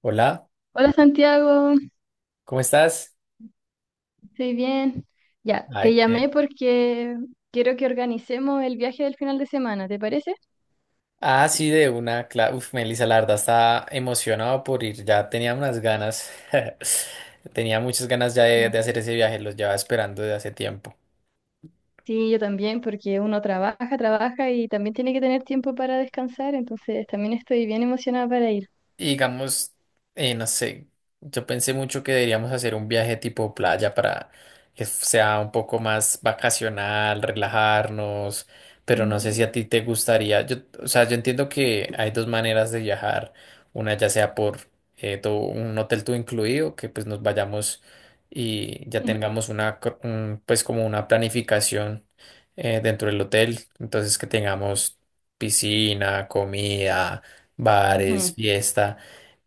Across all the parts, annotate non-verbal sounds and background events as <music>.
Hola, Hola Santiago, ¿cómo estás? estoy bien. Ya, te Ay, qué- llamé porque quiero que organicemos el viaje del final de semana, ¿te parece? Ah, sí, de una clase. Uf, Melissa, la verdad está emocionado por ir. Ya tenía unas ganas. <laughs> Tenía muchas ganas ya Sí, de hacer ese viaje. Los llevaba esperando de hace tiempo. sí, yo también, porque uno trabaja, trabaja y también tiene que tener tiempo para descansar, entonces también estoy bien emocionada para ir. Y digamos, no sé, yo pensé mucho que deberíamos hacer un viaje tipo playa para que sea un poco más vacacional, relajarnos, pero no sé Ujú. si a ti te gustaría, yo, o sea, yo entiendo que hay dos maneras de viajar, una ya sea por todo un hotel todo incluido, que pues nos vayamos y ya Mm, tengamos una, un, pues como una planificación dentro del hotel, entonces que tengamos piscina, comida, bares, ujú. fiesta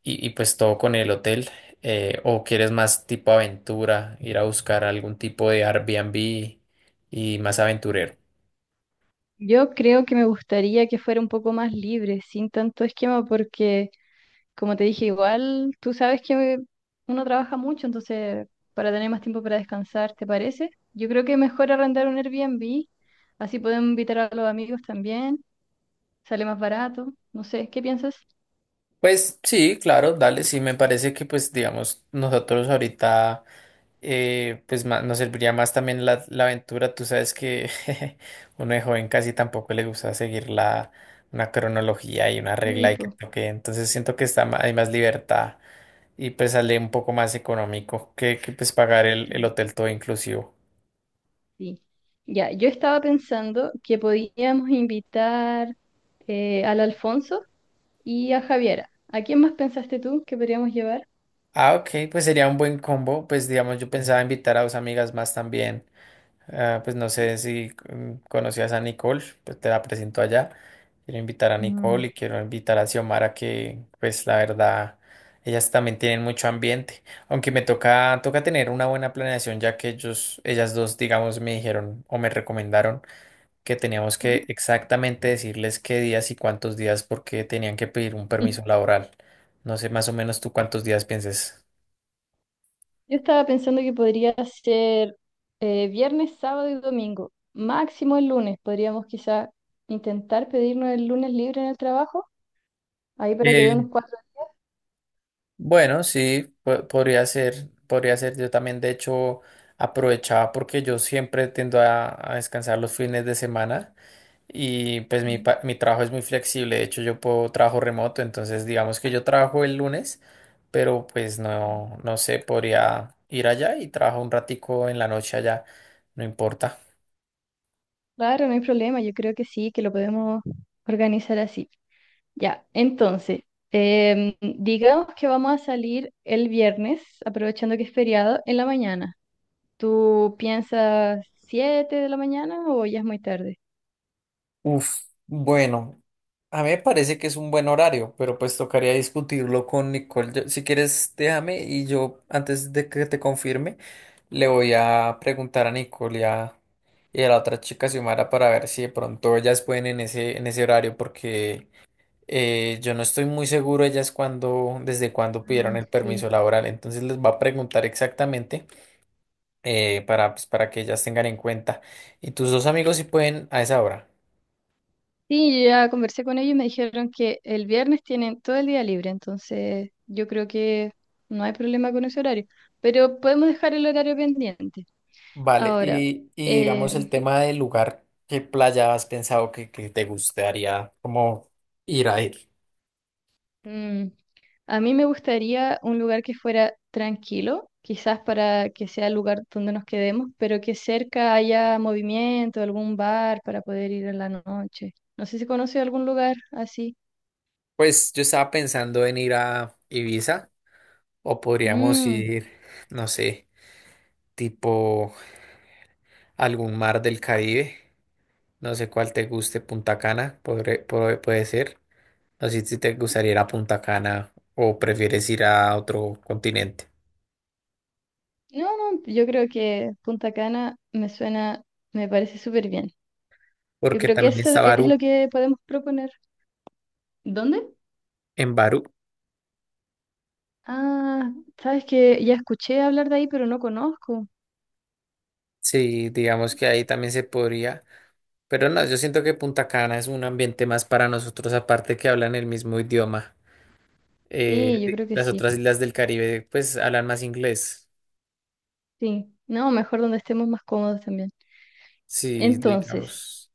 y pues todo con el hotel. O quieres más tipo aventura, ir a buscar algún tipo de Airbnb y más aventurero. Yo creo que me gustaría que fuera un poco más libre, sin tanto esquema, porque como te dije, igual tú sabes que uno trabaja mucho, entonces para tener más tiempo para descansar, ¿te parece? Yo creo que mejor arrendar un Airbnb, así podemos invitar a los amigos también, sale más barato, no sé, ¿qué piensas? Pues sí, claro, dale, sí, me parece que pues digamos nosotros ahorita pues nos serviría más también la aventura, tú sabes que <laughs> uno de joven casi tampoco le gusta seguir la, una cronología y una Sí, regla y que pues, toque, entonces siento que está hay más libertad. Y pues sale un poco más económico que pues pagar el sí, hotel todo inclusivo. sí. Ya, yo estaba pensando que podíamos invitar al Alfonso y a Javiera. ¿A quién más pensaste tú que podríamos llevar? Ah, ok, pues sería un buen combo. Pues digamos, yo pensaba invitar a dos amigas más también. Ah, pues no sé si conocías a Nicole, pues te la presento allá. Quiero invitar a Mm. Nicole y quiero invitar a Xiomara que pues la verdad, ellas también tienen mucho ambiente. Aunque me toca, toca tener una buena planeación ya que ellos, ellas dos, digamos, me dijeron o me recomendaron que teníamos que ¿Mm? exactamente decirles qué días y cuántos días porque tenían que pedir un permiso <laughs> laboral. No sé más o menos tú cuántos días pienses. Yo estaba pensando que podría ser viernes, sábado y domingo, máximo el lunes. Podríamos quizá intentar pedirnos el lunes libre en el trabajo, ahí para que dé Eh, unos cuatro bueno, sí, podría ser, podría ser. Yo también, de hecho, aprovechaba porque yo siempre tiendo a descansar los fines de semana y pues mi, días. Mi trabajo es muy flexible. De hecho, yo puedo trabajo remoto, entonces digamos que yo trabajo el lunes, pero pues no, no sé, podría ir allá y trabajo un ratico en la noche allá, no importa. Claro, no hay problema, yo creo que sí, que lo podemos organizar así. Ya, entonces, digamos que vamos a salir el viernes, aprovechando que es feriado, en la mañana. ¿Tú piensas 7 de la mañana o ya es muy tarde? Uf, bueno, a mí me parece que es un buen horario, pero pues tocaría discutirlo con Nicole. Yo- si quieres, déjame y yo, antes de que te confirme, le voy a preguntar a Nicole y a la otra chica Xiomara para ver si de pronto ellas pueden en ese horario, porque yo no estoy muy seguro ellas cuando, desde cuándo pidieron Mm, el sí. permiso laboral. Entonces les va a preguntar exactamente para, pues, para que ellas tengan en cuenta. Y tus dos amigos si pueden a esa hora. Sí, yo ya conversé con ellos y me dijeron que el viernes tienen todo el día libre, entonces yo creo que no hay problema con ese horario, pero podemos dejar el horario pendiente. Vale, Ahora, y digamos el eh, tema del lugar, ¿qué playa has pensado que te gustaría como ir a ir? mm, a mí me gustaría un lugar que fuera tranquilo, quizás para que sea el lugar donde nos quedemos, pero que cerca haya movimiento, algún bar para poder ir en la noche. No sé si conoce algún lugar así. Pues yo estaba pensando en ir a Ibiza o podríamos Mm. ir, no sé, tipo algún mar del Caribe, no sé cuál te guste, Punta Cana, puede ser. No sé si te gustaría ir a Punta Cana o prefieres ir a otro continente, No, no, yo creo que Punta Cana me suena, me parece súper bien. Yo porque creo que también eso está es lo Barú, que podemos proponer. ¿Dónde? en Barú, Ah, sabes que ya escuché hablar de ahí, pero no conozco. sí, digamos que ahí también se podría. Pero no, yo siento que Punta Cana es un ambiente más para nosotros, aparte que hablan el mismo idioma. Sí, yo creo que Las sí. otras islas del Caribe, pues, hablan más inglés. Sí, no, mejor donde estemos más cómodos también. Sí, Entonces, digamos.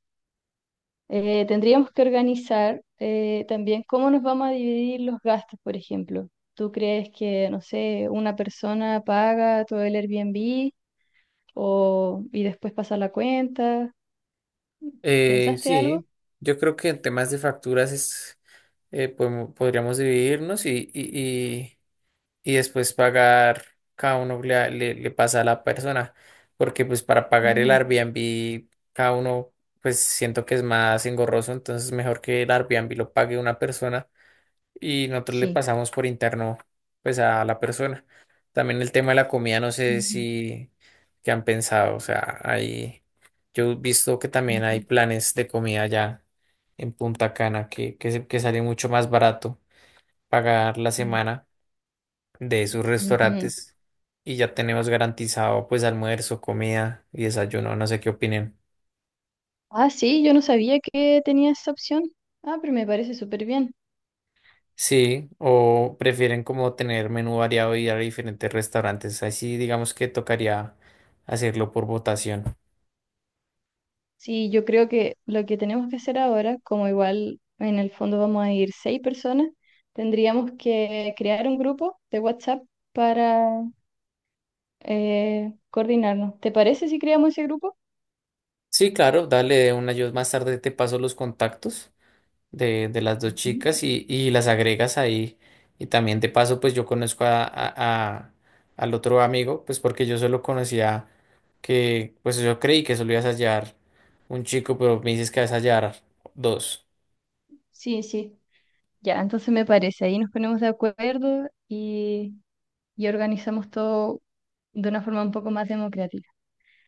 tendríamos que organizar también cómo nos vamos a dividir los gastos, por ejemplo. ¿Tú crees que, no sé, una persona paga todo el Airbnb o, y después pasa la cuenta? ¿Pensaste algo? Sí, yo creo que en temas de facturas es, podríamos dividirnos y, y después pagar, cada uno le pasa a la persona, porque pues para pagar el Ujú, Airbnb, cada uno, pues siento que es más engorroso, entonces mejor que el Airbnb lo pague una persona y nosotros le sí. pasamos por interno pues a la persona. También el tema de la comida, no sé Ujú, si qué han pensado, o sea, hay, yo he visto que también hay ujú. planes de comida ya en Punta Cana que sale mucho más barato pagar la Sí. semana de esos Ujú. restaurantes y ya tenemos garantizado pues almuerzo, comida y desayuno, no sé qué opinen. Ah, sí, yo no sabía que tenía esa opción. Ah, pero me parece súper bien. Sí, o prefieren como tener menú variado y ir a diferentes restaurantes. Así digamos que tocaría hacerlo por votación. Sí, yo creo que lo que tenemos que hacer ahora, como igual en el fondo vamos a ir 6 personas, tendríamos que crear un grupo de WhatsApp para coordinarnos. ¿Te parece si creamos ese grupo? Sí, claro, dale una. Yo más tarde te paso los contactos de las dos Ujú. chicas y las agregas ahí. Y también te paso, pues yo conozco a al otro amigo, pues porque yo solo conocía que, pues yo creí que solo ibas a hallar un chico, pero me dices que vas a hallar dos. Sí, sí. Ya, entonces me parece. Ahí nos ponemos de acuerdo y organizamos todo de una forma un poco más democrática.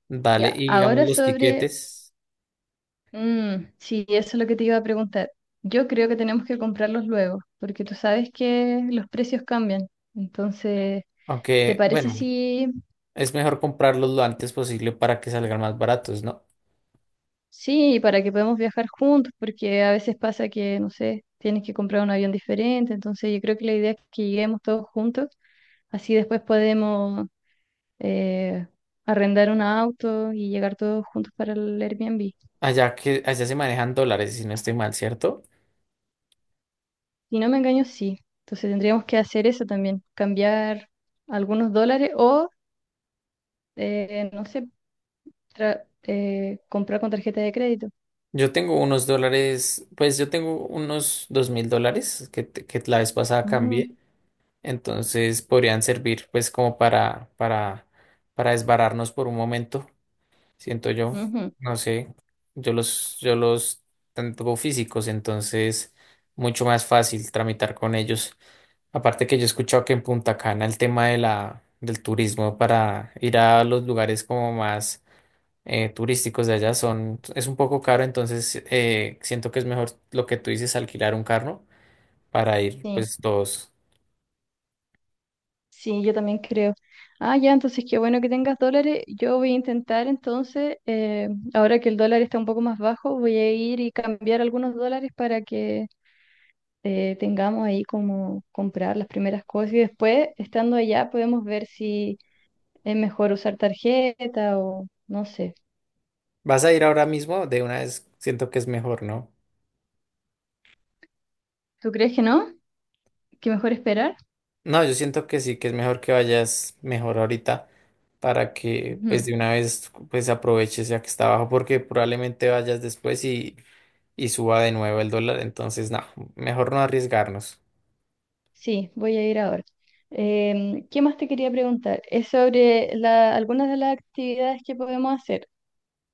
Dale, Ya, y digamos ahora los sobre, tiquetes. Sí, eso es lo que te iba a preguntar. Yo creo que tenemos que comprarlos luego, porque tú sabes que los precios cambian. Entonces, ¿te Aunque, parece bueno. si, Es mejor comprarlos lo antes posible para que salgan más baratos, ¿no? sí, para que podamos viajar juntos? Porque a veces pasa que, no sé, tienes que comprar un avión diferente. Entonces, yo creo que la idea es que lleguemos todos juntos, así después podemos eh, arrendar un auto y llegar todos juntos para el Airbnb. Allá que allá se manejan dólares, si no estoy mal, ¿cierto? Si no me engaño, sí. Entonces tendríamos que hacer eso también, cambiar algunos dólares o, no sé, comprar con tarjeta de crédito. Yo tengo unos dólares, pues yo tengo unos $2000 que la vez pasada cambié, Mm, entonces podrían servir pues como para desbararnos por un momento. Siento yo. ujú. No sé, yo los tanto físicos, entonces mucho más fácil tramitar con ellos. Aparte que yo he escuchado que en Punta Cana el tema de del turismo para ir a los lugares como más turísticos de allá son, es un poco caro, entonces siento que es mejor lo que tú dices, alquilar un carro para ir Sí, pues todos. sí, yo también creo. Ah, ya, entonces qué bueno que tengas dólares. Yo voy a intentar entonces, ahora que el dólar está un poco más bajo, voy a ir y cambiar algunos dólares para que tengamos ahí como comprar las primeras cosas y después, estando allá, podemos ver si es mejor usar tarjeta o no sé. Vas a ir ahora mismo, de una vez siento que es mejor, ¿no? ¿Tú crees que no? ¿Que mejor esperar? No, yo siento que sí, que es mejor que vayas mejor ahorita para que pues Ujú. de una vez pues aproveches ya que está abajo porque probablemente vayas después y suba de nuevo el dólar, entonces no, mejor no arriesgarnos. Sí, voy a ir ahora. ¿Qué más te quería preguntar? Es sobre algunas de las actividades que podemos hacer.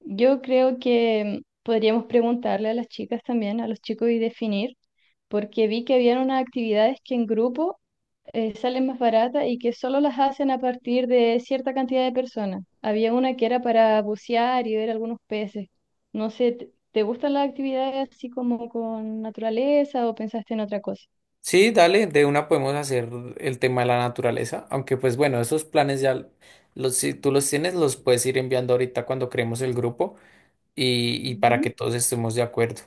Yo creo que podríamos preguntarle a las chicas también, a los chicos y definir, porque vi que habían unas actividades que en grupo sale más barata y que solo las hacen a partir de cierta cantidad de personas. Había una que era para bucear y ver algunos peces. No sé, ¿te gustan las actividades así como con naturaleza o pensaste en otra cosa? Sí, dale, de una podemos hacer el tema de la naturaleza, aunque pues bueno, esos planes ya los, si tú los tienes los puedes ir enviando ahorita cuando creemos el grupo y para que todos estemos de acuerdo.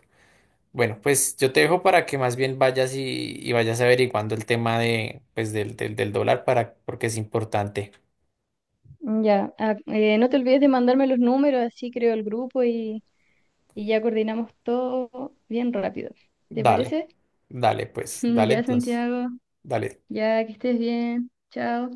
Bueno, pues yo te dejo para que más bien vayas y vayas averiguando el tema de, pues, del dólar para, porque es importante. Ujú. Ya, no te olvides de mandarme los números, así creo el grupo y ya coordinamos todo bien rápido. ¿Te Dale, parece? dale, pues, <laughs> dale Ya, entonces, Santiago, dale. ya que estés bien. Chao.